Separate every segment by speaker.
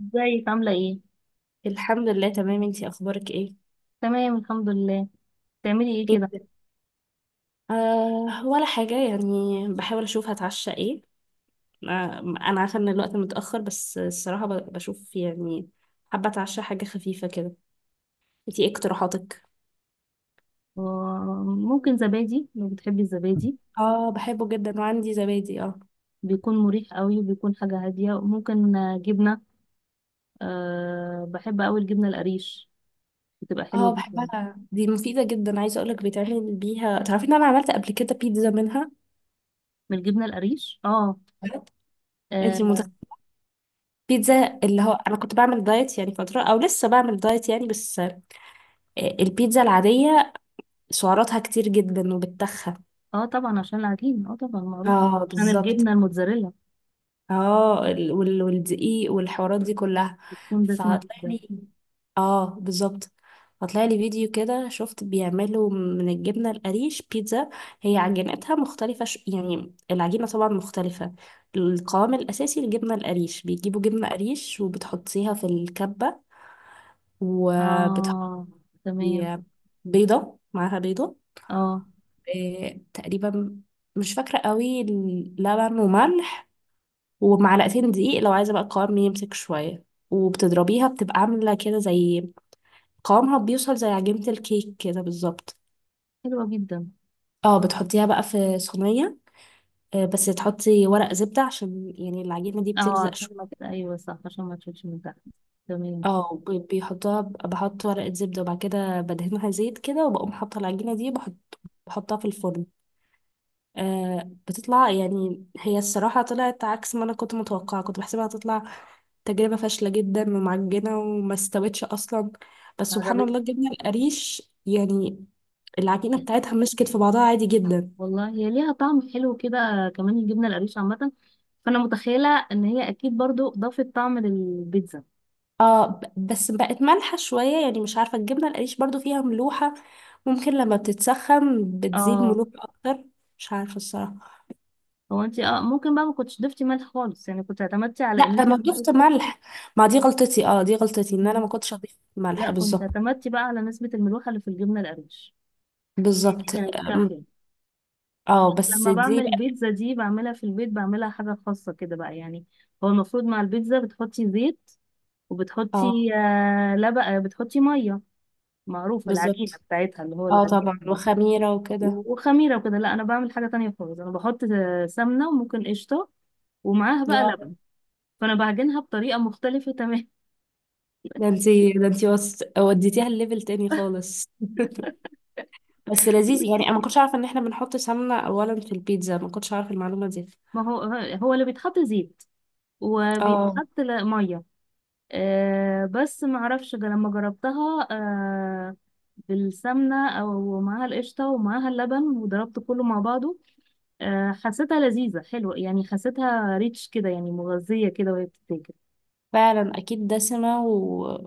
Speaker 1: ازيك عاملة ايه؟
Speaker 2: الحمد لله تمام، انتي اخبارك ايه؟
Speaker 1: تمام الحمد لله. تعملي ايه
Speaker 2: ايه
Speaker 1: كده؟
Speaker 2: بت- ولا حاجه يعني، بحاول اشوف هتعشى ايه. انا عارفه ان الوقت متاخر، بس الصراحه بشوف يعني. حابه اتعشى حاجه خفيفه كده. انتي ايه اقتراحاتك؟
Speaker 1: ممكن زبادي لو بتحبي الزبادي.
Speaker 2: اه بحبه جدا، وعندي زبادي اه.
Speaker 1: بيكون مريح قوي وبيكون حاجة هادية، وممكن جبنة. بحب قوي الجبنة القريش، بتبقى حلوة
Speaker 2: اه
Speaker 1: جدا.
Speaker 2: بحبها، دي مفيده جدا. عايزه اقولك بيتعمل بيها، تعرفي ان انا عملت قبل كده بيتزا منها.
Speaker 1: من الجبنة القريش. اه.
Speaker 2: بجد؟ انتي
Speaker 1: اه.
Speaker 2: متخيله؟ بيتزا. اللي هو انا كنت بعمل دايت يعني فتره، او لسه بعمل دايت يعني، بس البيتزا العاديه سعراتها كتير جدا وبتخن.
Speaker 1: آه طبعا، عشان العجين، اه طبعا معروف.
Speaker 2: اه
Speaker 1: عشان
Speaker 2: بالظبط.
Speaker 1: الجبنة الموتزاريلا،
Speaker 2: اه والدقيق والحوارات دي كلها.
Speaker 1: بتكون دسمة
Speaker 2: فطلع
Speaker 1: جدا.
Speaker 2: لي اه بالظبط. فطلع لي فيديو كده، شفت بيعملوا من الجبنة القريش بيتزا. هي عجينتها مختلفة، يعني العجينة طبعا مختلفة. القوام الأساسي الجبنة القريش، بيجيبوا جبنة قريش وبتحطيها في الكبة وبتحطي
Speaker 1: اه. تمام.
Speaker 2: بيضة، معاها بيضة
Speaker 1: اه.
Speaker 2: تقريبا، مش فاكرة قوي، لبن وملح ومعلقتين دقيق لو عايزة بقى القوام يمسك شوية. وبتضربيها بتبقى عاملة كده زي، قوامها بيوصل زي عجينة الكيك كده بالظبط.
Speaker 1: حلوة جدا.
Speaker 2: اه بتحطيها بقى في صينية، بس تحطي ورق زبدة عشان يعني العجينة دي
Speaker 1: اه،
Speaker 2: بتلزق
Speaker 1: عشان ما
Speaker 2: شوية.
Speaker 1: ت- ايوه صح، عشان ما تشوفش من تحت. تمام.
Speaker 2: اه بيحطوها، بحط ورقة زبدة، وبعد كده بدهنها زيت كده، وبقوم حاطة العجينة دي، بحط بحطها في الفرن. آه بتطلع يعني، هي الصراحة طلعت عكس ما أنا كنت متوقعة. كنت بحسبها هتطلع تجربة فاشلة جدا ومعجنة وما استوتش أصلا، بس سبحان
Speaker 1: قربت.
Speaker 2: الله جبنا القريش يعني العجينة بتاعتها مسكت في بعضها عادي جدا.
Speaker 1: والله هي ليها طعم حلو كده، كمان الجبنة القريش عامة، فأنا متخيلة إن هي أكيد برضو ضافت طعم للبيتزا.
Speaker 2: اه بس بقت مالحة شوية، يعني مش عارفة، الجبنة القريش برضو فيها ملوحة، ممكن لما بتتسخن بتزيد
Speaker 1: اه.
Speaker 2: ملوحة أكتر. مش عارفة الصراحة.
Speaker 1: هو انت ممكن بقى ما كنتش ضفتي ملح خالص، يعني كنت اعتمدتي على ان
Speaker 2: لا ده
Speaker 1: انت
Speaker 2: أنا ضفت ملح. ما دي غلطتي، اه دي غلطتي إن أنا
Speaker 1: مم.
Speaker 2: ما كنتش أضيف
Speaker 1: لا،
Speaker 2: ملح
Speaker 1: كنت
Speaker 2: بالظبط.
Speaker 1: اعتمدتي بقى على نسبة الملوحة اللي في الجبنة القريش، يعني دي
Speaker 2: بالظبط.
Speaker 1: كانت كافية.
Speaker 2: اه بس
Speaker 1: لما
Speaker 2: دي
Speaker 1: بعمل
Speaker 2: بقى.
Speaker 1: البيتزا دي بعملها في البيت، بعملها حاجة خاصة كده بقى يعني. هو المفروض مع البيتزا بتحطي زيت،
Speaker 2: اه
Speaker 1: وبتحطي لبن، بتحطي مية. معروفة العجينة
Speaker 2: بالظبط.
Speaker 1: بتاعتها اللي هو
Speaker 2: اه طبعا،
Speaker 1: العجينة.
Speaker 2: وخميرة وكده.
Speaker 1: وخميرة وكده. لا، أنا بعمل حاجة تانية خالص، أنا بحط سمنة وممكن قشطة، ومعاها بقى
Speaker 2: اه
Speaker 1: لبن، فأنا بعجنها بطريقة مختلفة تماما.
Speaker 2: ده انتي وديتيها الليفل تاني خالص. بس لذيذ، يعني انا ما كنتش عارفه ان احنا بنحط سمنه اولا في البيتزا، ما كنتش عارفه المعلومه دي.
Speaker 1: ما هو، هو اللي بيتحط زيت،
Speaker 2: اه
Speaker 1: وبيتحط مية. بس معرفش لما جربتها بالسمنة، أو معاها القشطة ومعاها اللبن وضربت كله مع بعضه. حسيتها لذيذة حلوة، يعني حسيتها ريتش كده، يعني مغذية كده وهي بتتاكل،
Speaker 2: فعلا، اكيد دسمه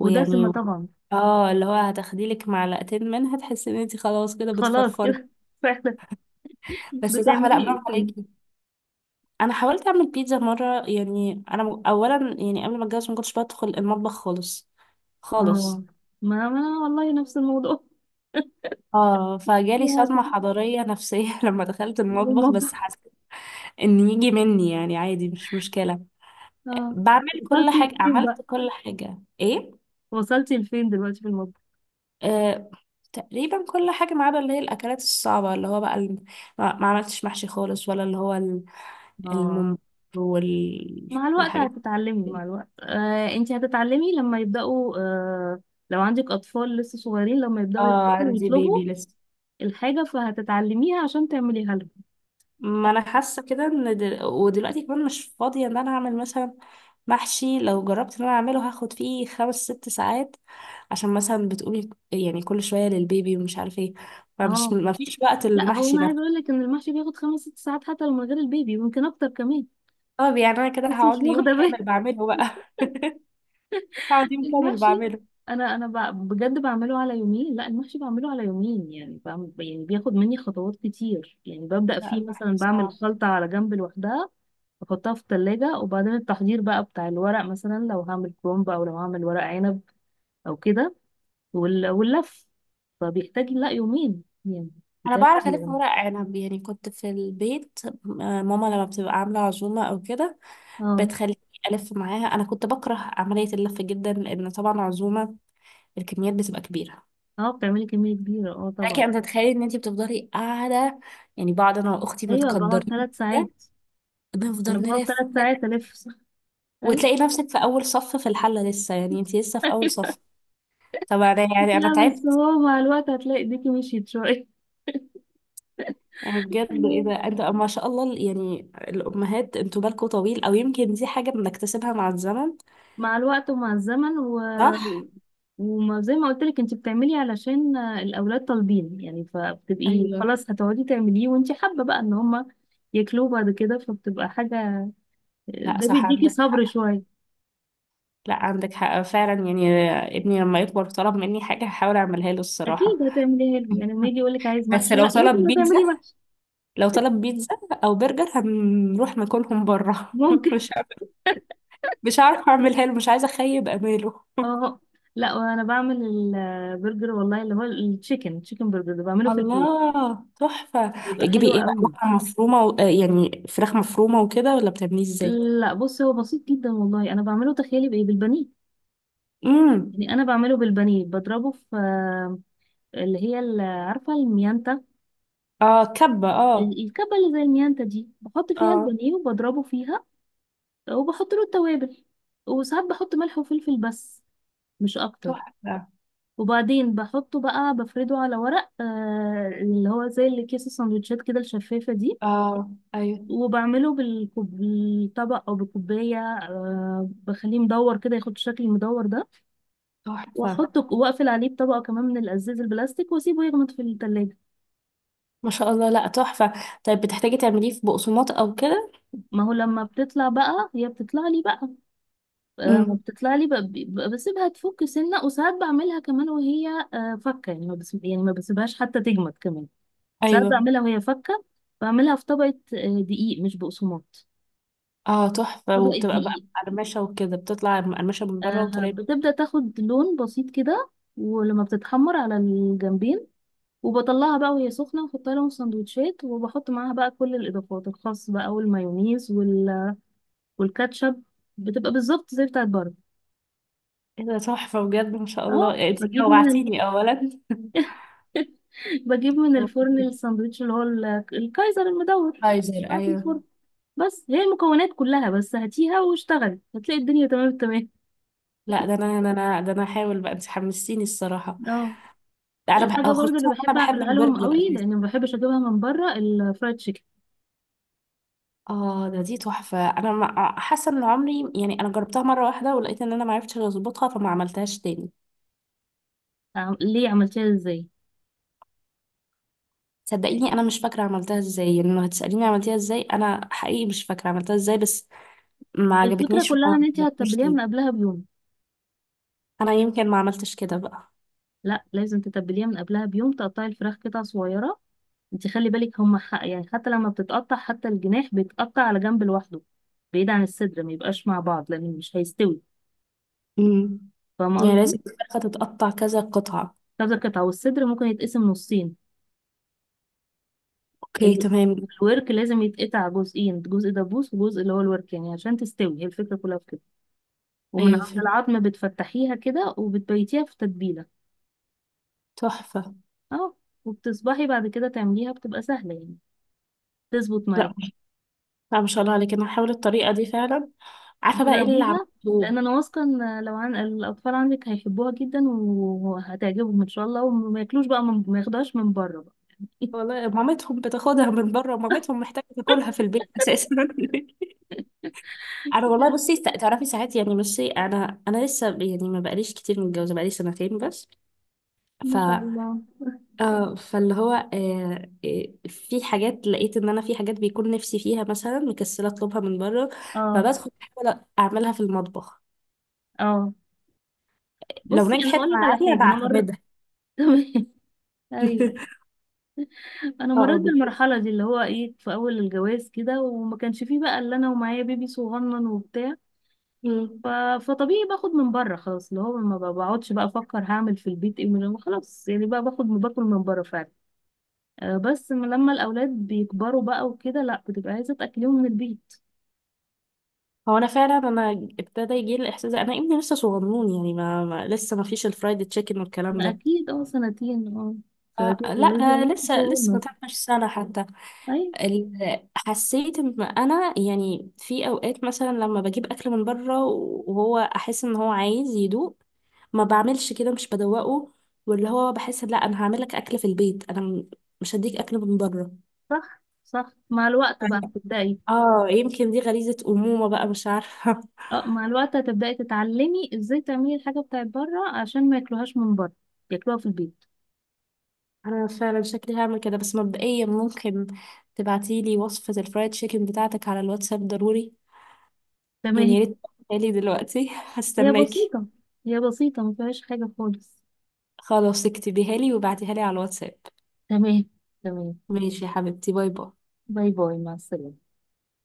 Speaker 1: ودسمة طبعا.
Speaker 2: اه اللي هو هتاخدي لك معلقتين منها تحسي ان انتي خلاص كده
Speaker 1: خلاص
Speaker 2: بتفرفري.
Speaker 1: كده. فعلا.
Speaker 2: بس صح، لا
Speaker 1: بتعملي ايه
Speaker 2: برافو
Speaker 1: تاني؟
Speaker 2: عليكي. انا حاولت اعمل بيتزا مره، يعني انا اولا يعني قبل ما اتجوز ما كنتش بدخل المطبخ خالص،
Speaker 1: اه،
Speaker 2: خالص.
Speaker 1: ما والله نفس الموضوع.
Speaker 2: اه فجالي
Speaker 1: يا
Speaker 2: صدمة
Speaker 1: دي-
Speaker 2: حضارية نفسية لما دخلت
Speaker 1: من
Speaker 2: المطبخ، بس
Speaker 1: المطبخ.
Speaker 2: ان يجي مني يعني عادي مش مشكلة.
Speaker 1: اه.
Speaker 2: بعمل كل
Speaker 1: وصلتي
Speaker 2: حاجة،
Speaker 1: لفين بقى؟
Speaker 2: عملت كل حاجة ايه.
Speaker 1: وصلتي لفين دلوقتي في المطبخ؟
Speaker 2: آه تقريبا كل حاجة ما عدا اللي هي الأكلات الصعبة، اللي هو بقى ما عملتش محشي خالص، ولا اللي هو
Speaker 1: اه،
Speaker 2: الممبار
Speaker 1: مع الوقت
Speaker 2: والحاجات
Speaker 1: هتتعلمي، مع
Speaker 2: دي.
Speaker 1: الوقت انت هتتعلمي لما يبدأوا، لو عندك أطفال لسه صغيرين، لما يبدأوا
Speaker 2: اه
Speaker 1: يكبروا
Speaker 2: عندي بيبي
Speaker 1: ويطلبوا
Speaker 2: لسه.
Speaker 1: الحاجة فهتتعلميها عشان تعمليها لهم.
Speaker 2: ما انا حاسه كده ان ودلوقتي كمان مش فاضيه ان انا اعمل مثلا محشي. لو جربت ان انا اعمله هاخد فيه خمس ست ساعات، عشان مثلا بتقولي يعني كل شويه للبيبي ومش عارفه ايه، فمش،
Speaker 1: اه.
Speaker 2: ما فيش وقت
Speaker 1: لا، هو
Speaker 2: المحشي
Speaker 1: انا عايزه
Speaker 2: نفسه.
Speaker 1: اقول لك ان المحشي بياخد خمس ست ساعات، حتى لو من غير البيبي، ويمكن اكتر كمان.
Speaker 2: طب يعني انا كده
Speaker 1: بس مش
Speaker 2: هقعد لي يوم
Speaker 1: واخده
Speaker 2: كامل بعمله بقى. هقعد يوم كامل
Speaker 1: المحشي.
Speaker 2: بعمله.
Speaker 1: انا بجد بعمله على يومين، لا المحشي بعمله على يومين، يعني بعمل، يعني بياخد مني خطوات كتير، يعني ببدأ
Speaker 2: لا
Speaker 1: فيه مثلا،
Speaker 2: المحشي
Speaker 1: بعمل
Speaker 2: صعب.
Speaker 1: خلطة على جنب لوحدها، بحطها في التلاجة، وبعدين التحضير بقى بتاع الورق، مثلا لو هعمل كرومب او لو هعمل ورق عنب او كده، واللف. فبيحتاج لا يومين يعني،
Speaker 2: انا
Speaker 1: بيتعمل
Speaker 2: بعرف
Speaker 1: على
Speaker 2: الف
Speaker 1: جنب.
Speaker 2: ورق عنب، يعني كنت في البيت ماما لما بتبقى عامله عزومه او كده
Speaker 1: اه.
Speaker 2: بتخليني الف معاها. انا كنت بكره عمليه اللف جدا، لان طبعا عزومه الكميات بتبقى كبيرة.
Speaker 1: اه، بتعملي كمية كبيرة، اه
Speaker 2: لكن
Speaker 1: طبعا.
Speaker 2: انت تتخيلي ان انت بتفضلي قاعدة، يعني بعض انا واختي
Speaker 1: ايوه، بقعد
Speaker 2: متقدرين
Speaker 1: 3 ساعات.
Speaker 2: كده
Speaker 1: انا
Speaker 2: بنفضل
Speaker 1: بقعد
Speaker 2: نلف
Speaker 1: ثلاث
Speaker 2: نلف
Speaker 1: ساعات الف.
Speaker 2: وتلاقي نفسك في اول صف في الحلة لسه، يعني انت لسه في اول صف.
Speaker 1: ايوه.
Speaker 2: يعني انا
Speaker 1: لا بس
Speaker 2: تعبت.
Speaker 1: هو مع الوقت هتلاقي ايديكي مشيت شوية.
Speaker 2: يعني بجد اذا انت ما شاء الله، يعني الامهات انتوا بالكوا طويل، او يمكن دي حاجة بنكتسبها مع الزمن.
Speaker 1: مع الوقت ومع الزمن،
Speaker 2: صح.
Speaker 1: وما زي ما قلت لك، انت بتعملي علشان الاولاد طالبين، يعني فبتبقي
Speaker 2: ايوه.
Speaker 1: خلاص هتقعدي تعمليه، وانت حابة بقى ان هما ياكلوه بعد كده، فبتبقى حاجة،
Speaker 2: لا
Speaker 1: ده
Speaker 2: صح
Speaker 1: بيديكي
Speaker 2: عندك
Speaker 1: صبر
Speaker 2: حق،
Speaker 1: شوية.
Speaker 2: لا عندك حق فعلا يعني. ابني لما يكبر طلب مني حاجة هحاول اعملها له
Speaker 1: اكيد
Speaker 2: الصراحة.
Speaker 1: هتعمليها له، يعني لما يجي يقول لك عايز
Speaker 2: بس
Speaker 1: محشي،
Speaker 2: لو
Speaker 1: لا
Speaker 2: طلب
Speaker 1: لازم
Speaker 2: بيتزا،
Speaker 1: هتعملي محشي.
Speaker 2: لو طلب بيتزا او برجر هنروح ناكلهم بره.
Speaker 1: ممكن.
Speaker 2: مش عارفة- مش عارفه اعملها له، مش عايزه اخيب اماله.
Speaker 1: اه. لا، وانا بعمل البرجر والله، اللي هو التشيكن تشيكن برجر، ده بعمله في البيت،
Speaker 2: الله تحفه.
Speaker 1: بيبقى
Speaker 2: بتجيبي
Speaker 1: حلو
Speaker 2: ايه بقى،
Speaker 1: قوي.
Speaker 2: لحمه مفرومه يعني فراخ مفرومه وكده، ولا بتعمليه ازاي؟
Speaker 1: لا بص، هو بسيط جدا والله، انا بعمله، تخيلي بايه؟ بالبانيه.
Speaker 2: امم.
Speaker 1: يعني انا بعمله بالبانيه، بضربه في اللي هي عارفه الميانتا،
Speaker 2: اه كبه اه.
Speaker 1: الكبه اللي زي الميانتا دي، بحط فيها
Speaker 2: اه.
Speaker 1: البانيه وبضربه فيها، وبحط له التوابل، وساعات بحط ملح وفلفل بس، مش اكتر.
Speaker 2: تحفه.
Speaker 1: وبعدين بحطه بقى، بفرده على ورق، اللي هو زي اللي كيس السندوتشات كده الشفافه دي،
Speaker 2: اه ايوه.
Speaker 1: وبعمله بالطبق او بالكوبايه، بخليه مدور كده، ياخد الشكل المدور ده،
Speaker 2: تحفه.
Speaker 1: واحطه واقفل عليه بطبقه كمان من الازاز البلاستيك، واسيبه يغمض في التلاجة.
Speaker 2: ما شاء الله، لا تحفه. طيب بتحتاجي تعمليه في بقسماط او كده؟
Speaker 1: ما هو لما بتطلع بقى، هي بتطلع لي بقى، ما
Speaker 2: امم.
Speaker 1: بتطلع لي بقى بقى بسيبها تفك سنة، وساعات بعملها كمان وهي فكة يعني، ما بس يعني ما بسيبهاش حتى تجمد كمان، ساعات
Speaker 2: ايوه.
Speaker 1: بعملها وهي فكة، بعملها في طبقة دقيق مش بقسماط،
Speaker 2: اه تحفه،
Speaker 1: طبقة
Speaker 2: وبتبقى بقى
Speaker 1: دقيق،
Speaker 2: مقرمشه وكده، بتطلع مقرمشه من بره وطريه.
Speaker 1: بتبدأ تاخد لون بسيط كده، ولما بتتحمر على الجنبين، وبطلعها بقى وهي سخنة، واحطها لهم في سندوتشات، وبحط معاها بقى كل الإضافات الخاص بقى، والمايونيز والكاتشب، بتبقى بالظبط زي بتاعت بره.
Speaker 2: ايه ده، تحفة بجد، ما شاء
Speaker 1: اه،
Speaker 2: الله، انت جوعتيني اولا.
Speaker 1: بجيب من الفرن الساندوتش الكايزر المدور،
Speaker 2: فايزر
Speaker 1: بتاع في
Speaker 2: ايوه.
Speaker 1: الفرن. بس هي المكونات كلها، بس هاتيها واشتغلي هتلاقي الدنيا تمام التمام.
Speaker 2: لا ده انا هحاول بقى، انت حمستيني الصراحة.
Speaker 1: اه،
Speaker 2: لا انا
Speaker 1: الحاجة برضو اللي
Speaker 2: خصوصا
Speaker 1: بحب
Speaker 2: انا بحب
Speaker 1: أعملها لهم
Speaker 2: البرجر
Speaker 1: قوي،
Speaker 2: اساسا.
Speaker 1: لأن ما بحبش أجيبها من بره، الفرايد تشيكن.
Speaker 2: اه ده، دي تحفة. انا حاسة ان عمري، يعني انا جربتها مرة واحدة، ولقيت ان انا ما عرفتش اظبطها، فما عملتهاش تاني.
Speaker 1: ليه عملتيها ازاي؟
Speaker 2: صدقيني انا مش فاكرة عملتها ازاي، يعني لو هتسأليني عملتها ازاي انا حقيقي مش فاكرة عملتها ازاي، بس ما
Speaker 1: الفكرة
Speaker 2: عجبتنيش
Speaker 1: كلها إن
Speaker 2: وما
Speaker 1: انتي
Speaker 2: جربتهاش
Speaker 1: هتتبليها
Speaker 2: تاني.
Speaker 1: من قبلها بيوم.
Speaker 2: انا يمكن ما عملتش كده بقى.
Speaker 1: لا لازم تتبليها من قبلها بيوم، تقطعي الفراخ قطع صغيرة، انت خلي بالك هما حق يعني، حتى لما بتتقطع حتى الجناح بيتقطع على جنب لوحده، بعيد عن الصدر، ما يبقاش مع بعض لان مش هيستوي.
Speaker 2: امم.
Speaker 1: فاهمة
Speaker 2: يعني
Speaker 1: قصدي؟
Speaker 2: لازم الفرخة تتقطع كذا قطعة؟
Speaker 1: كذا قطعة، والصدر ممكن يتقسم نصين،
Speaker 2: اوكي
Speaker 1: ال-
Speaker 2: تمام.
Speaker 1: الورك لازم يتقطع جزئين، جزء دبوس وجزء اللي هو الورك، يعني عشان تستوي، هي الفكرة كلها في كده، ومن
Speaker 2: ايوه
Speaker 1: عند
Speaker 2: فهمت.
Speaker 1: العظم بتفتحيها كده، وبتبيتيها في تتبيلة.
Speaker 2: تحفة.
Speaker 1: اه. وبتصبحي بعد كده تعمليها بتبقى سهلة يعني، تظبط
Speaker 2: لا
Speaker 1: معاكي.
Speaker 2: لا ما شاء الله عليك، انا هحاول الطريقة دي فعلا. عارفة بقى ايه اللي
Speaker 1: جربيها،
Speaker 2: عملته.
Speaker 1: لان انا واثقه ان لو عن الاطفال عندك هيحبوها جدا، وهتعجبهم ان شاء الله، وما ياكلوش بقى ما ياخدوهاش من بره بقى.
Speaker 2: والله مامتهم بتاخدها من بره، مامتهم محتاجة تاكلها في البيت اساسا. انا والله بصي، تعرفي ساعات يعني، بصي انا لسه يعني ما بقاليش كتير متجوزة، بقالي سنتين بس.
Speaker 1: ما شاء الله.
Speaker 2: اه فاللي هو، في حاجات لقيت ان انا، في حاجات بيكون نفسي فيها مثلا مكسله اطلبها من بره،
Speaker 1: اه.
Speaker 2: فبدخل احاول اعملها في المطبخ.
Speaker 1: اه،
Speaker 2: لو
Speaker 1: بصي انا
Speaker 2: نجحت
Speaker 1: هقول لك على
Speaker 2: معايا
Speaker 1: حاجه، انا مر.
Speaker 2: بعتمدها.
Speaker 1: تمام. ايوه، انا
Speaker 2: اه آه،
Speaker 1: مريت
Speaker 2: بت-
Speaker 1: بالمرحله دي، اللي هو ايه، في اول الجواز كده، وما كانش فيه بقى الا انا ومعايا بيبي صغنن وبتاع،
Speaker 2: مم.
Speaker 1: ف... فطبيعي باخد من بره خلاص، اللي هو ما بقعدش بقى افكر هعمل في البيت ايه، من خلاص يعني بقى باخد باكل من بره فعلا، بس من لما الأولاد بيكبروا بقى وكده لأ، بتبقى عايزة تأكليهم من البيت.
Speaker 2: هو انا فعلا انا ابتدى يجي لي الاحساس ده. انا ابني لسه صغنون، يعني ما, ما لسه ما فيش الفرايد تشيكن والكلام
Speaker 1: ما
Speaker 2: ده.
Speaker 1: أكيد، اه سنتين، اه سنتين
Speaker 2: لا
Speaker 1: بيقولوا لي يعني
Speaker 2: ده لسه، لسه ما
Speaker 1: صغنن.
Speaker 2: تعملش سنه حتى.
Speaker 1: أيوة.
Speaker 2: حسيت ان انا يعني في اوقات مثلا لما بجيب اكل من بره وهو احس ان هو عايز يدوق، ما بعملش كده، مش بدوقه. واللي هو بحس لا انا هعمل لك اكل في البيت، انا مش هديك اكل من بره.
Speaker 1: صح صح، مع الوقت بقى
Speaker 2: أيوة.
Speaker 1: تبدأي.
Speaker 2: اه يمكن دي غريزة أمومة بقى، مش عارفة.
Speaker 1: اه، مع الوقت هتبدأي تتعلمي ازاي تعملي الحاجة بتاعت بره عشان ما ياكلوهاش من بره، ياكلوها في البيت.
Speaker 2: أنا فعلا شكلي هعمل كده، بس مبدئيا ممكن تبعتيلي وصفة الفرايد تشيكن بتاعتك على الواتساب ضروري، يعني
Speaker 1: تمام.
Speaker 2: يا ريت تبعتيها لي دلوقتي.
Speaker 1: هي
Speaker 2: هستناكي.
Speaker 1: بسيطة، هي بسيطة ما فيهاش حاجة خالص.
Speaker 2: خلاص اكتبيها لي وبعتيها لي على الواتساب.
Speaker 1: تمام. تمام.
Speaker 2: ماشي يا حبيبتي، باي باي.
Speaker 1: باي باي، مع السلامة.